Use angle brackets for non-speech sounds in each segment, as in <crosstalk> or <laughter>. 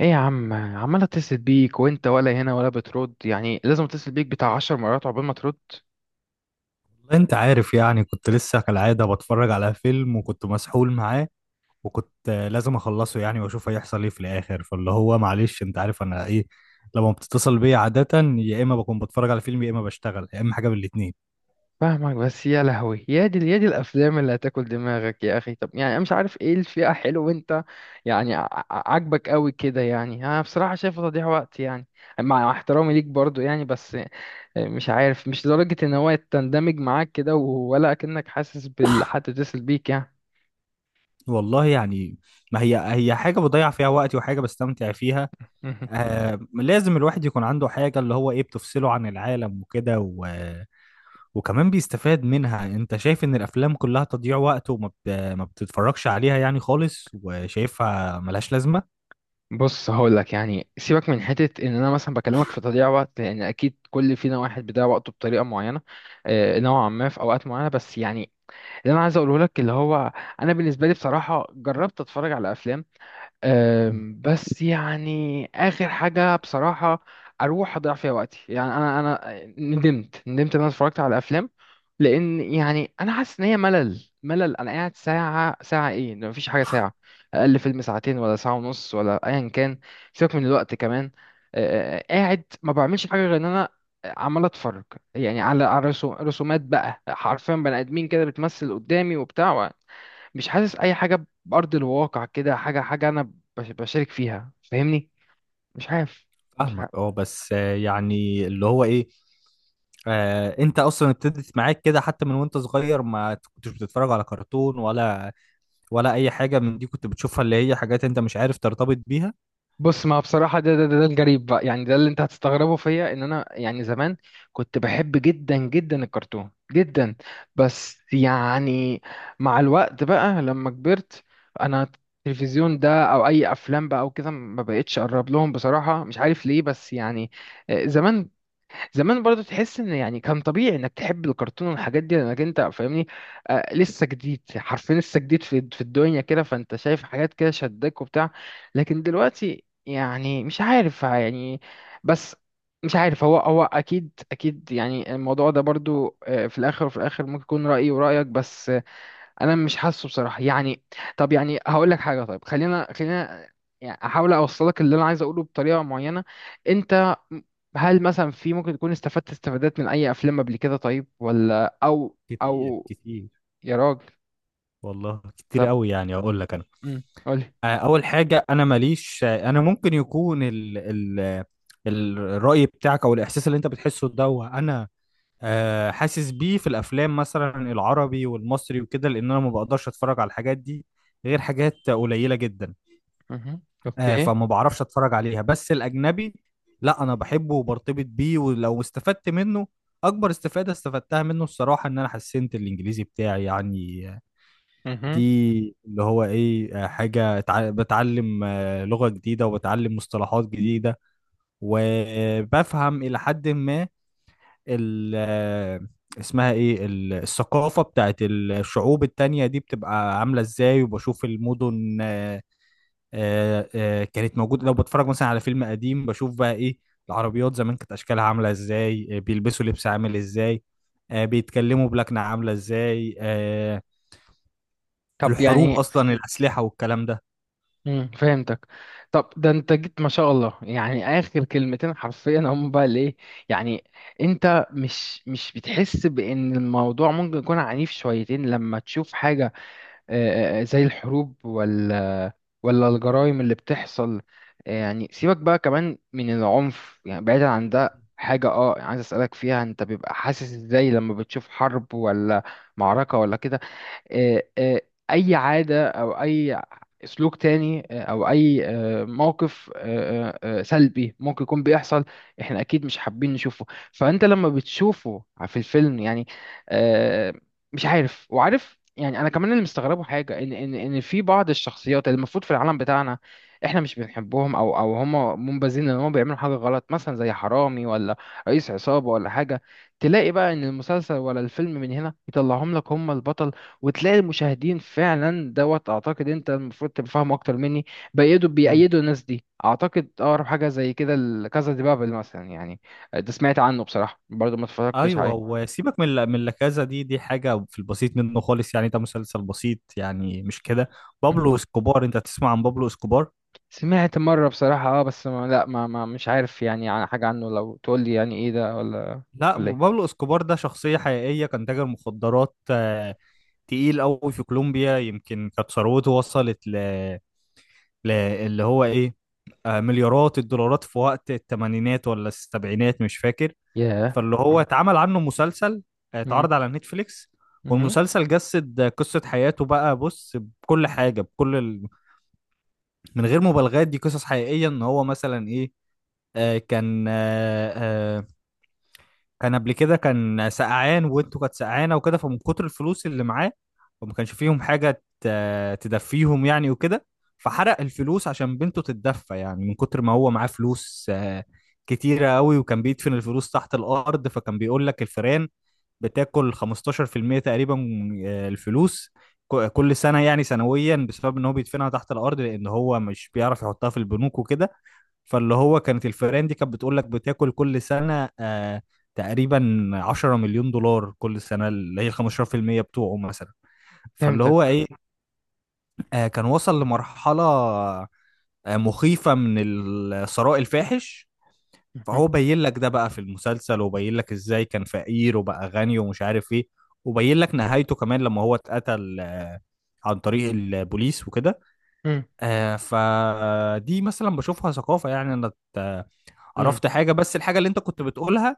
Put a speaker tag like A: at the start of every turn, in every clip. A: ايه يا عم، عمال اتصل بيك وانت ولا هنا ولا بترد، يعني لازم اتصل بيك بتاع 10 مرات عقبال ما ترد.
B: والله انت عارف يعني كنت لسه كالعادة بتفرج على فيلم وكنت مسحول معاه. وكنت لازم اخلصه يعني واشوف هيحصل ايه في الاخر. فاللي هو معلش انت عارف انا ايه لما بتتصل بيا عادة، يا اما بكون بتفرج على فيلم يا اما بشتغل يا اما حاجة من الاتنين.
A: فاهمك، بس يا لهوي، يا دي يا دي الافلام اللي هتاكل دماغك يا اخي. طب يعني انا مش عارف ايه الفئة حلو وانت يعني عاجبك قوي كده. يعني انا بصراحة شايفه تضييع وقت، يعني مع احترامي ليك برضو يعني. بس مش عارف، مش لدرجة ان هو يتندمج معاك كده ولا كأنك حاسس بالحد تتصل بيك يعني.
B: والله يعني، ما هي حاجة بضيع فيها وقتي وحاجة بستمتع فيها.
A: <laughs>
B: لازم الواحد يكون عنده حاجة اللي هو ايه بتفصله عن العالم وكده وكمان بيستفاد منها. انت شايف ان الافلام كلها تضييع وقت ما بتتفرجش عليها يعني خالص وشايفها ملهاش لازمة؟
A: بص هقول لك، يعني سيبك من حته ان انا مثلا بكلمك في تضييع وقت، لان اكيد كل فينا واحد بيضيع وقته بطريقه معينه. نوعا ما في اوقات معينه بس يعني، اللي انا عايز اقوله لك اللي هو انا بالنسبه لي بصراحه جربت اتفرج على افلام.
B: مم.
A: بس يعني اخر حاجه بصراحه اروح اضيع فيها وقتي، يعني انا ندمت ان انا اتفرجت على افلام، لان يعني انا حاسس ان هي ملل ملل. انا قاعد ساعه ساعه، ايه ده، مفيش حاجه، ساعه اقل فيلم ساعتين ولا ساعه ونص ولا ايا كان. سيبك من الوقت كمان. قاعد ما بعملش حاجه غير ان انا عمال اتفرج، يعني على رسومات بقى، حرفيا بني ادمين كده بتمثل قدامي وبتاع. مش حاسس اي حاجه بارض الواقع، كده حاجه حاجه انا بشارك فيها، فاهمني؟ مش عارف، مش
B: فاهمك
A: عارف.
B: اه، بس يعني اللي هو ايه. انت اصلا ابتدت معاك كده حتى من وانت صغير، ما كنتش بتتفرج على كرتون ولا اي حاجة من دي كنت بتشوفها، اللي هي حاجات انت مش عارف ترتبط بيها.
A: بص، ما بصراحه ده الجريب بقى، يعني ده اللي انت هتستغربه فيا ان انا يعني زمان كنت بحب جدا جدا الكرتون جدا. بس يعني مع الوقت بقى لما كبرت انا، التلفزيون ده او اي افلام بقى او كده ما بقتش اقرب لهم بصراحه، مش عارف ليه بس يعني. زمان زمان برضو تحس ان يعني كان طبيعي انك تحب الكرتون والحاجات دي، لانك انت فاهمني، لسه جديد، حرفيا لسه جديد في الدنيا كده، فانت شايف حاجات كده شدك وبتاع. لكن دلوقتي يعني مش عارف يعني. بس مش عارف، هو اكيد اكيد يعني الموضوع ده برضو في الاخر وفي الاخر ممكن يكون رأيي ورأيك، بس انا مش حاسه بصراحه يعني. طب يعني هقول لك حاجه، طيب خلينا خلينا يعني احاول اوصلك اللي انا عايز اقوله بطريقه معينه. انت هل مثلا في ممكن تكون استفدت استفادات من اي افلام قبل كده؟ طيب ولا او
B: كتير
A: او
B: كتير،
A: يا راجل.
B: والله كتير
A: طب
B: قوي. يعني اقول لك انا،
A: قولي.
B: اول حاجه انا ماليش. انا ممكن يكون ال الراي بتاعك او الاحساس اللي انت بتحسه ده، وانا حاسس بيه في الافلام مثلا العربي والمصري وكده، لان انا ما بقدرش اتفرج على الحاجات دي غير حاجات قليله جدا.
A: مهم. اوكي.
B: فما بعرفش اتفرج عليها، بس الاجنبي لا انا بحبه وبرتبط بيه ولو استفدت منه. اكبر استفاده استفدتها منه الصراحه ان انا حسنت الانجليزي بتاعي يعني. دي
A: مهم.
B: اللي هو ايه، حاجة بتعلم لغة جديدة وبتعلم مصطلحات جديدة. وبفهم إلى حد ما ال اسمها ايه، الثقافة بتاعت الشعوب التانية دي بتبقى عاملة ازاي. وبشوف المدن، كانت موجودة. لو بتفرج مثلا على فيلم قديم بشوف بقى ايه، العربيات زمان كانت اشكالها عاملة ازاي، بيلبسوا لبس عامل ازاي، بيتكلموا بلكنة عاملة ازاي،
A: طب
B: الحروب
A: يعني
B: اصلا، الاسلحة والكلام ده.
A: فهمتك. طب ده انت جيت ما شاء الله، يعني اخر كلمتين حرفيا هم بقى الايه، يعني انت مش بتحس بان الموضوع ممكن يكون عنيف شويتين لما تشوف حاجة زي الحروب، ولا الجرائم اللي بتحصل؟ يعني سيبك بقى كمان من العنف، يعني بعيدا عن ده حاجة عايز اسألك فيها. انت بيبقى حاسس ازاي لما بتشوف حرب ولا معركة ولا كده؟ آه، آه، اي عاده او اي سلوك تاني، او اي موقف سلبي ممكن يكون بيحصل احنا اكيد مش حابين نشوفه، فانت لما بتشوفه في الفيلم يعني آه، مش عارف. وعارف يعني انا كمان اللي مستغربه حاجه، ان في بعض الشخصيات اللي المفروض في العالم بتاعنا احنا مش بنحبهم، او هم منبذين، ان هم بيعملوا حاجه غلط مثلا، زي حرامي ولا رئيس عصابه ولا حاجه، تلاقي بقى ان المسلسل ولا الفيلم من هنا يطلعهم لك هم البطل. وتلاقي المشاهدين فعلا دوت، اعتقد انت المفروض تبقى فاهم اكتر مني، بيأيدوا
B: مم.
A: بيأيدوا الناس دي. اعتقد اقرب حاجه زي كده الكازا دي بابل مثلا، يعني ده سمعت عنه بصراحه، برضو ما اتفرجتش
B: ايوه،
A: عليه.
B: وسيبك من من لكازا دي، دي حاجه في البسيط منه خالص يعني. ده مسلسل بسيط يعني مش كده.
A: م.
B: بابلو اسكوبار، انت تسمع عن بابلو اسكوبار؟
A: سمعت مره بصراحه، بس ما لا ما, ما مش عارف يعني عن حاجه عنه، لو تقول لي يعني ايه ده ولا
B: لا،
A: ولا ايه.
B: بابلو اسكوبار ده شخصيه حقيقيه، كان تاجر مخدرات تقيل قوي في كولومبيا. يمكن كانت ثروته وصلت اللي هو ايه، مليارات الدولارات في وقت الثمانينات ولا السبعينات مش فاكر.
A: ياه.
B: فاللي هو
A: اه.
B: اتعمل عنه مسلسل،
A: م-
B: اتعرض على نتفليكس.
A: مهم.
B: والمسلسل جسد قصة حياته بقى. بص، بكل حاجة من غير مبالغات. دي قصص حقيقية، ان هو مثلا ايه، آه، كان آه، آه، كان قبل كده كان سقعان وانتوا كانت سقعانه وكده. فمن كتر الفلوس اللي معاه، وما كانش فيهم حاجه تدفيهم يعني وكده، فحرق الفلوس عشان بنته تتدفى يعني، من كتر ما هو معاه فلوس كتيره قوي. وكان بيدفن الفلوس تحت الارض. فكان بيقول لك الفئران بتاكل 15% تقريبا من الفلوس كل سنه، يعني سنويا، بسبب ان هو بيدفنها تحت الارض لان هو مش بيعرف يحطها في البنوك وكده. فاللي هو كانت الفئران دي كانت بتقول لك بتاكل كل سنة تقريبا 10 مليون دولار كل سنة، اللي هي 15% بتوعه مثلا. فاللي هو
A: فهمتك.
B: ايه، كان وصل لمرحلة مخيفة من الثراء الفاحش.
A: مهم.
B: فهو بين لك ده بقى في المسلسل، وبين لك ازاي كان فقير وبقى غني ومش عارف ايه. وبين لك نهايته كمان لما هو اتقتل عن طريق البوليس وكده.
A: م-
B: فدي مثلا بشوفها ثقافة يعني. انا ات-
A: م.
B: عرفت حاجة، بس الحاجة اللي انت كنت بتقولها،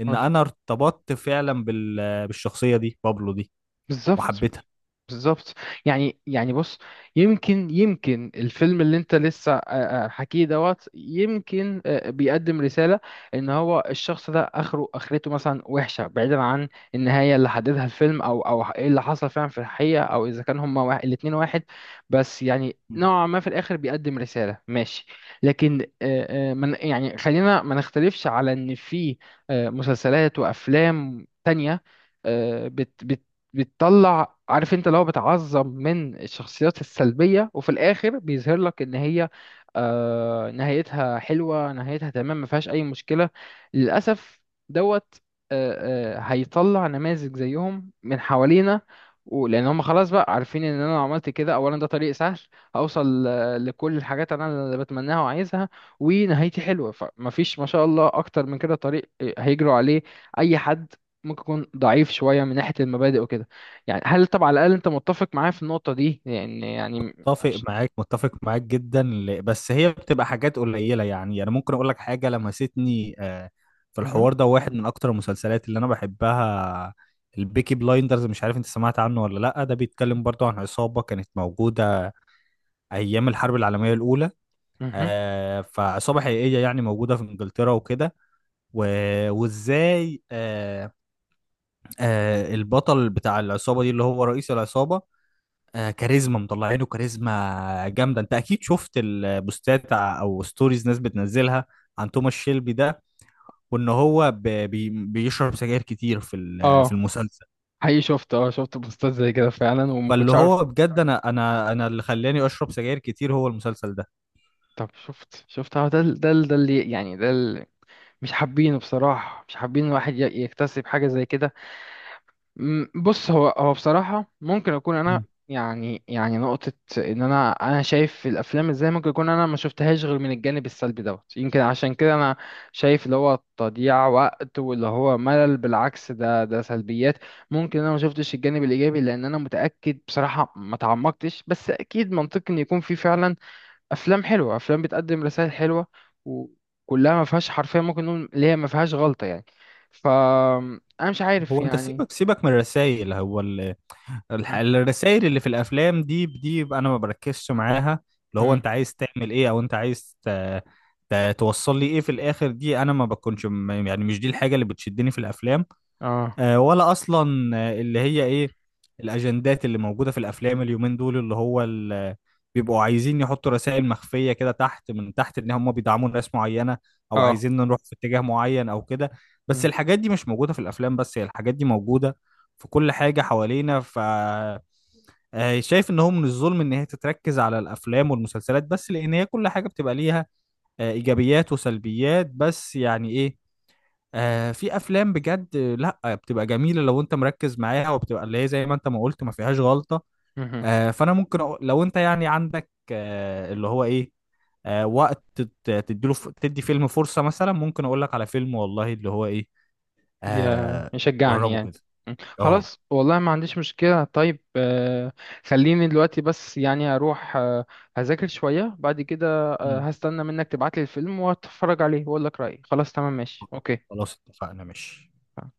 B: ان
A: قولي.
B: انا ارتبطت فعلا بالشخصية دي، بابلو دي،
A: بالظبط.
B: وحبيتها.
A: بالظبط. يعني بص، يمكن الفيلم اللي انت لسه حكيه دوت، يمكن بيقدم رسالة ان هو الشخص ده اخرته مثلا وحشة، بعيدا عن النهاية اللي حددها الفيلم او ايه اللي حصل فعلا في الحقيقة، او اذا كان هما واحد الاتنين واحد. بس يعني نوعا ما في الاخر بيقدم رسالة، ماشي. لكن من يعني خلينا ما نختلفش على ان في مسلسلات وافلام تانية بتطلع، عارف، انت لو بتعظم من الشخصيات السلبية، وفي الآخر بيظهر لك ان هي نهايتها حلوة، نهايتها تمام، ما فيهاش أي مشكلة، للأسف دوت، هيطلع نماذج زيهم من حوالينا. ولأن هم خلاص بقى عارفين إن أنا لو عملت كده، أولا، ده طريق سهل هوصل لكل الحاجات أنا اللي بتمناها وعايزها ونهايتي حلوة، فمفيش ما شاء الله أكتر من كده طريق هيجروا عليه أي حد ممكن يكون ضعيف شوية من ناحية المبادئ وكده. يعني هل طب على الأقل أنت متفق معايا في النقطة دي؟ يعني
B: متفق
A: مش...
B: معاك متفق معاك جدا، بس هي بتبقى حاجات قليلة. يعني انا ممكن اقول لك حاجة لمستني في
A: مهم.
B: الحوار ده. واحد من اكتر المسلسلات اللي انا بحبها البيكي بلايندرز، مش عارف انت سمعت عنه ولا لا. ده بيتكلم برضو عن عصابة كانت موجودة ايام الحرب العالمية الاولى.
A: مهم.
B: فعصابة حقيقية يعني موجودة في انجلترا وكده و... وازاي البطل بتاع العصابة دي اللي هو رئيس العصابة، كاريزما، مطلعينه كاريزما جامدة. انت اكيد شفت البوستات او ستوريز ناس بتنزلها عن توماس شيلبي ده. وان هو بيشرب سجاير كتير في
A: اه،
B: المسلسل.
A: حقيقي شفت بوستات زي كده فعلا، وما
B: فاللي
A: كنتش اعرف.
B: هو بجد انا انا اللي خلاني اشرب سجاير كتير هو المسلسل ده.
A: طب شفت ده ال- ده ال- ده اللي مش حابينه بصراحة، مش حابين الواحد يكتسب حاجة زي كده. بص، هو بصراحة ممكن أكون أنا
B: مم.
A: يعني نقطة، إن أنا شايف الأفلام إزاي، ممكن يكون أنا ما شفتهاش غير من الجانب السلبي دوت، يمكن عشان كده أنا شايف اللي هو تضييع وقت واللي هو ملل. بالعكس، ده سلبيات، ممكن أنا ما شفتش الجانب الإيجابي، لأن أنا متأكد بصراحة ما تعمقتش، بس أكيد منطقي إن يكون في فعلا أفلام حلوة، أفلام بتقدم رسائل حلوة وكلها ما فيهاش حرفيا، ممكن نقول اللي هي ما فيهاش غلطة يعني. فأنا مش عارف
B: هو انت
A: يعني.
B: سيبك سيبك من الرسائل. هو الرسائل اللي في الافلام دي بقى انا ما بركزش معاها. اللي هو
A: مم.
B: انت عايز تعمل ايه او انت عايز توصل لي ايه في الاخر. دي انا ما بكونش يعني مش دي الحاجه اللي بتشدني في الافلام،
A: اه.
B: ولا اصلا اللي هي ايه الاجندات اللي موجوده في الافلام اليومين دول، اللي هو بيبقوا عايزين يحطوا رسائل مخفيه كده تحت من تحت، ان هم بيدعموا ناس معينه او
A: اه.
B: عايزين نروح في اتجاه معين او كده. بس
A: مم.
B: الحاجات دي مش موجوده في الافلام، بس هي الحاجات دي موجوده في كل حاجه حوالينا. ف شايف ان هو من الظلم ان هي تتركز على الافلام والمسلسلات بس، لان هي كل حاجه بتبقى ليها ايجابيات وسلبيات. بس يعني ايه، في افلام بجد، لا بتبقى جميله لو انت مركز معاها وبتبقى اللي هي زي ما انت ما قلت ما فيهاش غلطه.
A: مهم.
B: فانا ممكن أقول لو انت يعني عندك اللي هو ايه وقت تديله تدي فيلم فرصه، مثلا ممكن اقول لك على فيلم والله اللي هو ايه،
A: يا
B: آه
A: يشجعني
B: جربه
A: يعني.
B: كده.
A: مم.
B: اهو.
A: خلاص والله، ما عنديش مشكلة. طيب خليني دلوقتي بس يعني أروح هذاكر شوية، بعد كده
B: مم.
A: هستنى منك تبعتلي الفيلم وأتفرج عليه وأقول لك رأيي. خلاص، تمام، ماشي، أوكي.
B: خلاص اتفقنا، ماشي.